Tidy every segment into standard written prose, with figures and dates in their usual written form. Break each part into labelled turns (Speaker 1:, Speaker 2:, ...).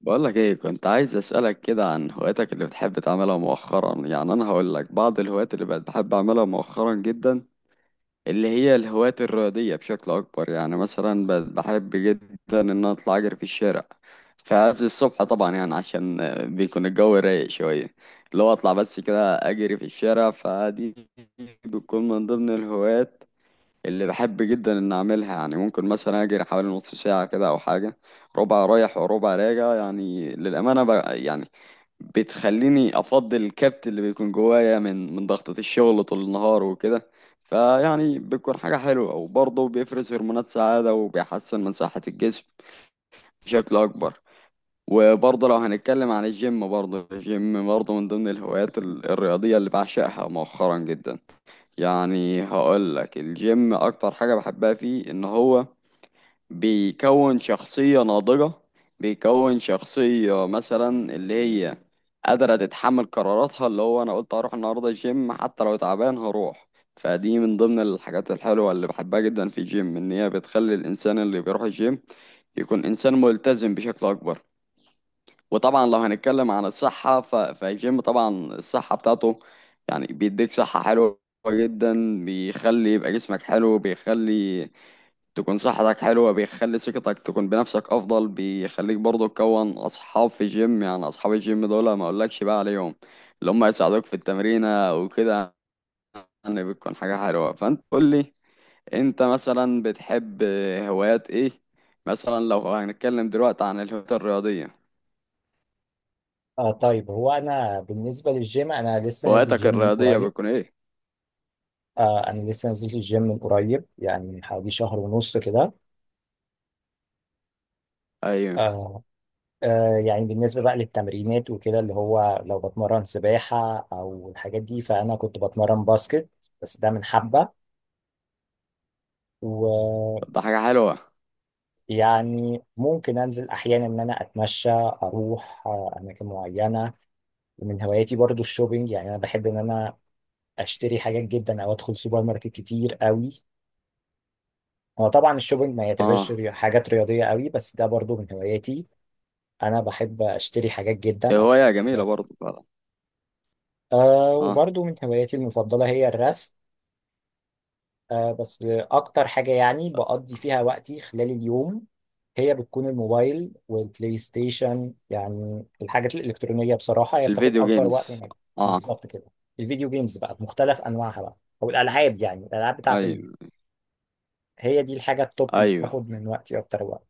Speaker 1: بقولك ايه، كنت عايز اسألك كده عن هواياتك اللي بتحب تعملها مؤخرا. يعني انا هقولك بعض الهوايات اللي بقت بحب اعملها مؤخرا جدا، اللي هي الهوايات الرياضية بشكل اكبر. يعني مثلا بقت بحب جدا ان انا اطلع اجري في الشارع في عز الصبح، طبعا يعني عشان بيكون الجو رايق شوية. اللي هو اطلع بس كده اجري في الشارع، فدي بتكون من ضمن الهوايات اللي بحب جدا ان اعملها. يعني ممكن مثلا اجري حوالي نص ساعة كده او حاجة، ربع رايح وربع راجع، يعني للأمانة بقى. يعني بتخليني افضل الكبت اللي بيكون جوايا من ضغطة الشغل طول النهار وكده، فيعني بتكون حاجة حلوة، وبرضه بيفرز هرمونات سعادة وبيحسن من صحة الجسم بشكل اكبر. وبرضه لو هنتكلم عن الجيم، برضه الجيم برضه من ضمن الهوايات الرياضية اللي بعشقها مؤخرا جدا. يعني هقول لك الجيم اكتر حاجة بحبها فيه ان هو بيكون شخصية ناضجة، بيكون شخصية مثلا اللي هي قادرة تتحمل قراراتها، اللي هو انا قلت هروح النهاردة الجيم حتى لو تعبان هروح. فدي من ضمن الحاجات الحلوة اللي بحبها جدا في الجيم، ان هي بتخلي الانسان اللي بيروح الجيم يكون انسان ملتزم بشكل اكبر. وطبعا لو هنتكلم عن الصحة فالجيم طبعا الصحة بتاعته، يعني بيديك صحة حلوة جدا، بيخلي يبقى جسمك حلو، بيخلي تكون صحتك حلوة، بيخلي ثقتك تكون بنفسك أفضل، بيخليك برضه تكون أصحاب في الجيم. يعني أصحاب الجيم دول ما أقولكش بقى عليهم، اللي هم يساعدوك في التمرينة وكده. يعني بتكون حاجة حلوة. فأنت قول لي، أنت مثلا بتحب هوايات إيه؟ مثلا لو هنتكلم دلوقتي عن الهوايات الرياضية،
Speaker 2: طيب هو انا بالنسبه للجيم انا لسه نازل
Speaker 1: هواياتك
Speaker 2: جيم من
Speaker 1: الرياضية
Speaker 2: قريب.
Speaker 1: بتكون إيه؟
Speaker 2: انا لسه نزلت الجيم من قريب، يعني من حوالي شهر ونص كده.
Speaker 1: ايوه.
Speaker 2: آه يعني بالنسبه بقى للتمرينات وكده، اللي هو لو بتمرن سباحه او الحاجات دي، فانا كنت بتمرن باسكت. بس ده من حبه. ويعني
Speaker 1: طب ده حاجة حلوة.
Speaker 2: ممكن انزل احيانا ان انا اتمشى، اروح اماكن معينه. ومن هواياتي برضو الشوبينج، يعني انا بحب ان انا اشتري حاجات جدا او ادخل سوبر ماركت كتير قوي. هو طبعا الشوبينج ما يعتبرش
Speaker 1: اه.
Speaker 2: حاجات رياضية قوي، بس ده برضو من هواياتي. أنا بحب أشتري حاجات جدا، أروح
Speaker 1: هواية
Speaker 2: السوبر.
Speaker 1: جميلة برضه فعلا.
Speaker 2: أه،
Speaker 1: اه.
Speaker 2: وبرضو من هواياتي المفضلة هي الرسم. أه، بس أكتر حاجة يعني بقضي فيها وقتي خلال اليوم هي بتكون الموبايل والبلاي ستيشن. يعني الحاجات الإلكترونية بصراحة هي بتاخد
Speaker 1: الفيديو
Speaker 2: أكبر وقت من
Speaker 1: جيمز.
Speaker 2: الوقت.
Speaker 1: اه.
Speaker 2: بالظبط كده. الفيديو جيمز بقى بمختلف أنواعها بقى، أو الألعاب، يعني الألعاب بتاعت ال...
Speaker 1: ايوه.
Speaker 2: هي دي الحاجة التوب اللي
Speaker 1: ايوه.
Speaker 2: بتاخد من وقتي أكتر وقت.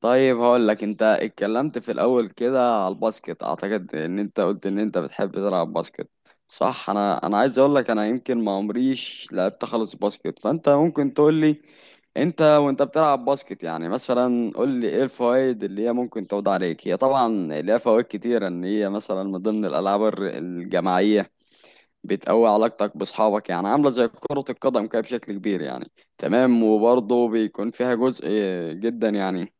Speaker 1: طيب هقول لك، انت اتكلمت في الاول كده على الباسكت، اعتقد ان انت قلت ان انت بتحب تلعب باسكت، صح. انا عايز اقول لك انا يمكن ما عمريش لعبت خالص باسكت، فانت ممكن تقول لي، انت وانت بتلعب باسكت يعني مثلا قول لي ايه الفوائد اللي هي ممكن تعود عليك. هي طبعا ليها فوائد كتيرة، ان هي مثلا من ضمن الالعاب الجماعية، بتقوي علاقتك بأصحابك يعني، عاملة زي كرة القدم كده بشكل كبير يعني. تمام. وبرضه بيكون فيها جزء جدا يعني،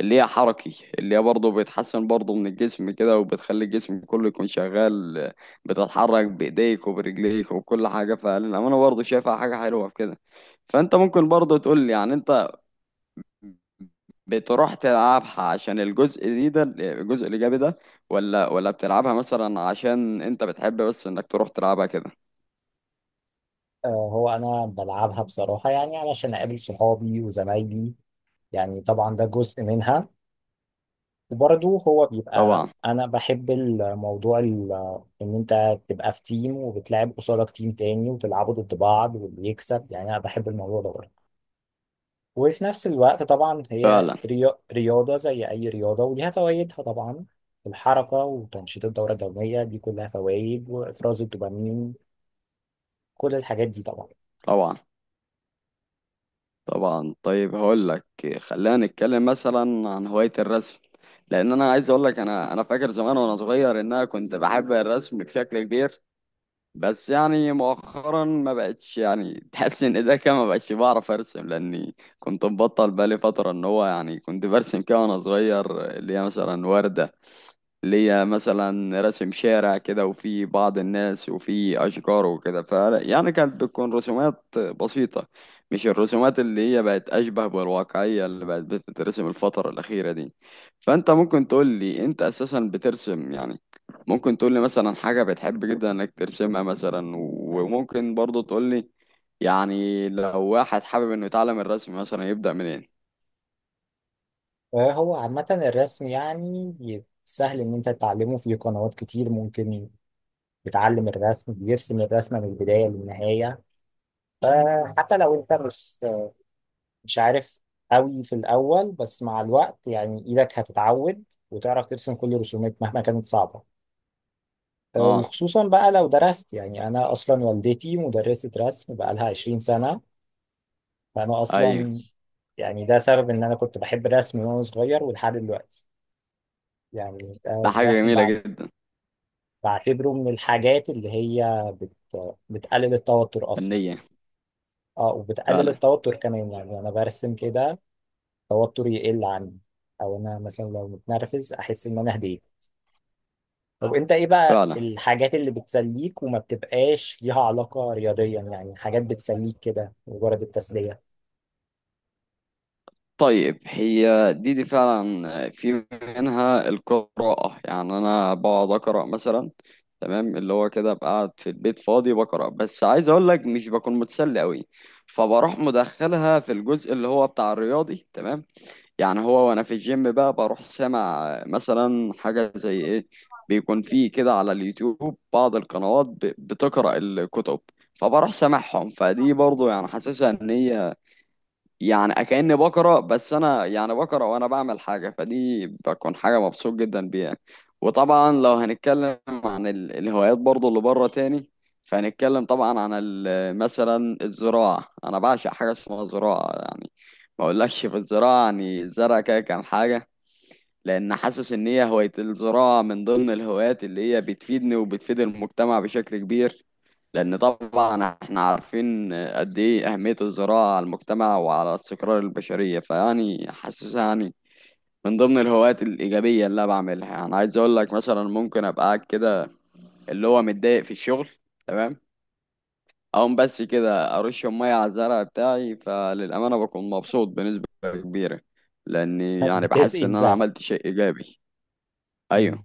Speaker 1: اللي هي حركي، اللي هي برضه بتحسن برضه من الجسم كده، وبتخلي الجسم كله يكون شغال، بتتحرك بإيديك وبرجليك وكل حاجة. فالأمانة برضه شايفها حاجة حلوة في كده. فأنت ممكن برضه تقول لي يعني، أنت بتروح تلعبها عشان الجزء دي ده الجزء الإيجابي ده، ولا بتلعبها مثلا عشان أنت بتحب بس إنك تروح تلعبها كده.
Speaker 2: هو انا بلعبها بصراحه يعني علشان اقابل صحابي وزمايلي. يعني طبعا ده جزء منها. وبرضه هو بيبقى
Speaker 1: طبعا.
Speaker 2: انا بحب الموضوع ان انت تبقى في تيم وبتلعب قصادك تيم تاني وتلعبوا ضد بعض واللي يكسب. يعني انا بحب الموضوع ده برضه. وفي نفس الوقت طبعا هي
Speaker 1: فعلا.
Speaker 2: رياضه زي اي رياضه وليها فوائدها طبعا. الحركه وتنشيط الدوره الدمويه دي كلها فوائد، وافراز الدوبامين، كل الحاجات دي طبعا.
Speaker 1: طبعا. طبعا. طيب هقول لك، خلينا نتكلم مثلا عن هواية الرسم، لان انا عايز اقول لك انا فاكر زمان وانا صغير ان انا كنت بحب الرسم بشكل كبير، بس يعني مؤخرا ما بقتش يعني تحس ان ده كده ما بقتش بعرف ارسم لاني كنت مبطل بقالي فترة. ان هو يعني كنت برسم كده وانا صغير، اللي هي مثلا وردة ليا، مثلا رسم شارع كده وفي بعض الناس وفي أشجار وكده، ف يعني كانت بتكون رسومات بسيطة، مش الرسومات اللي هي بقت أشبه بالواقعية اللي بقت بتترسم الفترة الأخيرة دي. فأنت ممكن تقول لي، أنت أساسا بترسم يعني، ممكن تقول لي مثلا حاجة بتحب جدا إنك ترسمها مثلا، وممكن برضه تقول لي، يعني لو واحد حابب إنه يتعلم الرسم مثلا يبدأ منين؟
Speaker 2: هو عامة الرسم يعني سهل إن أنت تتعلمه. في قنوات كتير ممكن بتعلم الرسم، بيرسم الرسمة من البداية للنهاية. فحتى لو أنت مش عارف قوي في الأول، بس مع الوقت يعني إيدك هتتعود وتعرف ترسم كل الرسومات مهما كانت صعبة.
Speaker 1: آه.
Speaker 2: وخصوصا بقى لو درست. يعني أنا أصلا والدتي مدرسة رسم بقالها 20 سنة. فأنا
Speaker 1: أيوة.
Speaker 2: أصلا يعني ده سبب إن أنا كنت بحب الرسم من وأنا صغير ولحد دلوقتي. يعني
Speaker 1: ده حاجة
Speaker 2: الرسم
Speaker 1: جميلة جدا.
Speaker 2: بعتبره من الحاجات اللي هي بت... بتقلل التوتر اصلا.
Speaker 1: فنية.
Speaker 2: اه، وبتقلل
Speaker 1: فعلا.
Speaker 2: التوتر كمان. يعني انا برسم كده التوتر يقل عندي، او انا مثلا لو متنرفز احس ان انا هديت. طب انت ايه بقى
Speaker 1: فعلا.
Speaker 2: الحاجات اللي بتسليك وما بتبقاش ليها علاقة رياضيا؟ يعني حاجات بتسليك كده مجرد التسلية.
Speaker 1: طيب. هي دي فعلا، في منها القراءة. يعني أنا بقعد أقرأ مثلا، تمام، اللي هو كده بقعد في البيت فاضي بقرأ، بس عايز أقول لك مش بكون متسلي أوي، فبروح مدخلها في الجزء اللي هو بتاع الرياضي تمام. يعني هو وأنا في الجيم بقى بروح سامع مثلا حاجة زي إيه، بيكون فيه كده على اليوتيوب بعض القنوات بتقرأ الكتب، فبروح سامعهم. فدي برضه يعني حاسسها إن هي يعني كأني بقرا، بس انا يعني بقرا وانا بعمل حاجه، فدي بكون حاجه مبسوط جدا بيها. وطبعا لو هنتكلم عن الهوايات برضو اللي بره تاني، فهنتكلم طبعا عن مثلا الزراعه، انا بعشق حاجه اسمها زراعه يعني، ما اقولكش في الزراعه، يعني الزرع كده كام حاجه، لان حاسس ان هي هوايه الزراعه من ضمن الهوايات اللي هي بتفيدني وبتفيد المجتمع بشكل كبير. لأن طبعا احنا عارفين قد ايه أهمية الزراعة على المجتمع وعلى استقرار البشرية، فيعني حاسسها يعني من ضمن الهوايات الإيجابية اللي أنا بعملها. يعني عايز أقول لك مثلا ممكن أبقى قاعد كده اللي هو متضايق في الشغل، تمام، أقوم بس كده أرش مية على الزرع بتاعي، فللأمانة بكون مبسوط بنسبة كبيرة، لأني يعني
Speaker 2: بتسقي
Speaker 1: بحس إن أنا
Speaker 2: الزرع.
Speaker 1: عملت شيء إيجابي. أيوه.
Speaker 2: مم.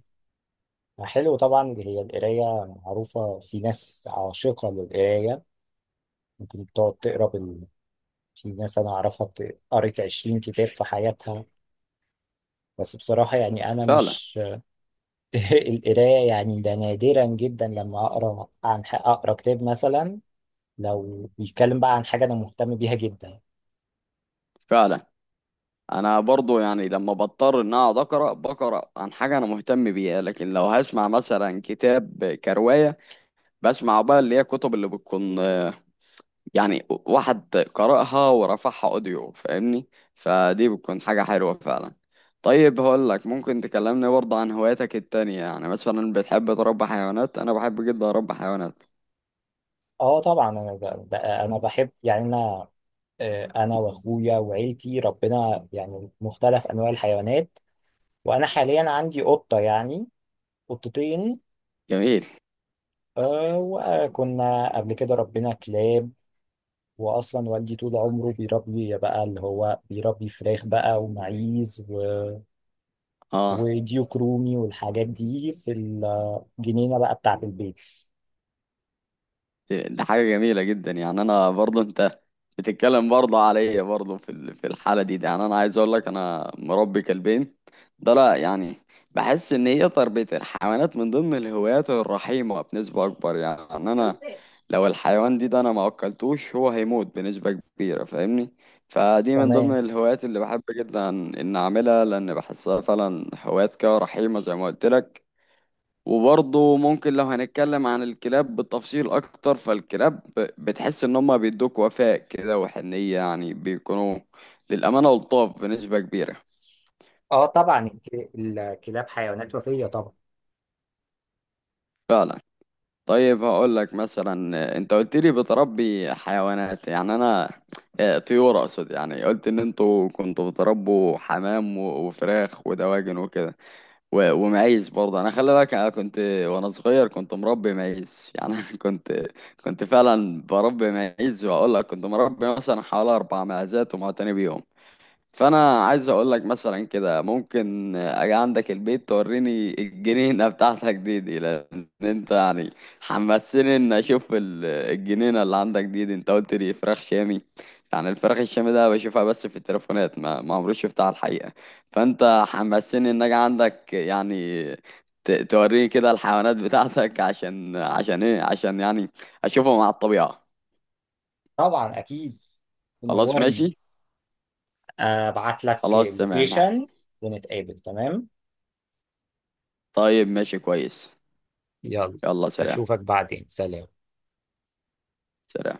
Speaker 2: حلو طبعا اللي هي القراية، معروفة في ناس عاشقة للقراية، ممكن بتقعد تقرا. في ناس أنا أعرفها قرت 20 كتاب في حياتها. بس بصراحة يعني أنا
Speaker 1: فعلا.
Speaker 2: مش القراية، يعني ده نادرا جدا لما أقرأ عن أقرأ كتاب مثلا لو بيتكلم بقى عن حاجة أنا مهتم بيها جدا.
Speaker 1: فعلا. انا برضو يعني لما بضطر ان اقعد اقرا بقرا عن حاجه انا مهتم بيها، لكن لو هسمع مثلا كتاب كروايه، بسمع بقى اللي هي كتب اللي بتكون يعني واحد قرأها ورفعها اوديو، فاهمني؟ فدي بتكون حاجه حلوه فعلا. طيب هقول لك، ممكن تكلمني برضه عن هواياتك التانية؟ يعني مثلا بتحب تربي حيوانات؟ انا بحب جدا اربي حيوانات.
Speaker 2: أه طبعا أنا أنا بحب، يعني أنا أنا وأخويا وعيلتي ربنا يعني مختلف أنواع الحيوانات. وأنا حاليا عندي قطة، يعني قطتين.
Speaker 1: جميل.
Speaker 2: وكنا قبل كده ربنا كلاب. واصلا والدي طول عمره بيربي، بقى اللي هو بيربي فراخ بقى ومعيز و...
Speaker 1: اه.
Speaker 2: وديوك رومي والحاجات دي في الجنينه بقى بتاعه البيت.
Speaker 1: دي حاجة جميلة جدا. يعني أنا برضه أنت بتتكلم برضه عليا برضه في في الحالة دي، يعني أنا عايز أقول لك أنا مربي كلبين ده. لا يعني بحس إن هي تربية الحيوانات من ضمن الهوايات الرحيمة بنسبة أكبر. يعني أنا لو الحيوان دي ده أنا ما أكلتوش هو هيموت بنسبة كبيرة، فاهمني؟ فدي من
Speaker 2: تمام.
Speaker 1: ضمن الهوايات اللي بحب جدا إن أعملها، لأن بحسها فعلا هوايات كده رحيمة زي ما قلت لك. وبرضه ممكن لو هنتكلم عن الكلاب بالتفصيل اكتر، فالكلاب بتحس ان هم بيدوك وفاء كده وحنية، يعني بيكونوا للامانة لطاف بنسبة كبيرة.
Speaker 2: اه طبعا الكلاب حيوانات وفيه طبعا.
Speaker 1: فعلا. طيب هقول لك مثلا، انت قلت لي بتربي حيوانات يعني انا، طيور اقصد، يعني قلت ان انتوا كنتوا بتربوا حمام وفراخ ودواجن وكده ومعيز برضه، انا خلي بالك انا كنت وانا صغير كنت مربي معيز يعني أنا كنت فعلا بربي معيز، واقول لك كنت مربي مثلا حوالي اربع معزات ومعتني بيهم. فانا عايز اقول لك مثلا كده ممكن اجي عندك البيت توريني الجنينه بتاعتك دي لان انت يعني حمسني ان اشوف الجنينه اللي عندك دي. انت قلت لي فراخ شامي، يعني الفراخ الشامي ده بشوفها بس في التليفونات، ما عمري شفتها على الحقيقه، فانت حمسني ان اجي عندك يعني توريني كده الحيوانات بتاعتك، عشان عشان ايه، عشان يعني اشوفهم على الطبيعه.
Speaker 2: طبعا اكيد،
Speaker 1: خلاص
Speaker 2: تنورني.
Speaker 1: ماشي.
Speaker 2: ابعت لك
Speaker 1: خلاص تمام.
Speaker 2: اللوكيشن ونتقابل، تمام.
Speaker 1: طيب ماشي كويس.
Speaker 2: يلا،
Speaker 1: يلا سلام.
Speaker 2: اشوفك بعدين، سلام.
Speaker 1: سلام.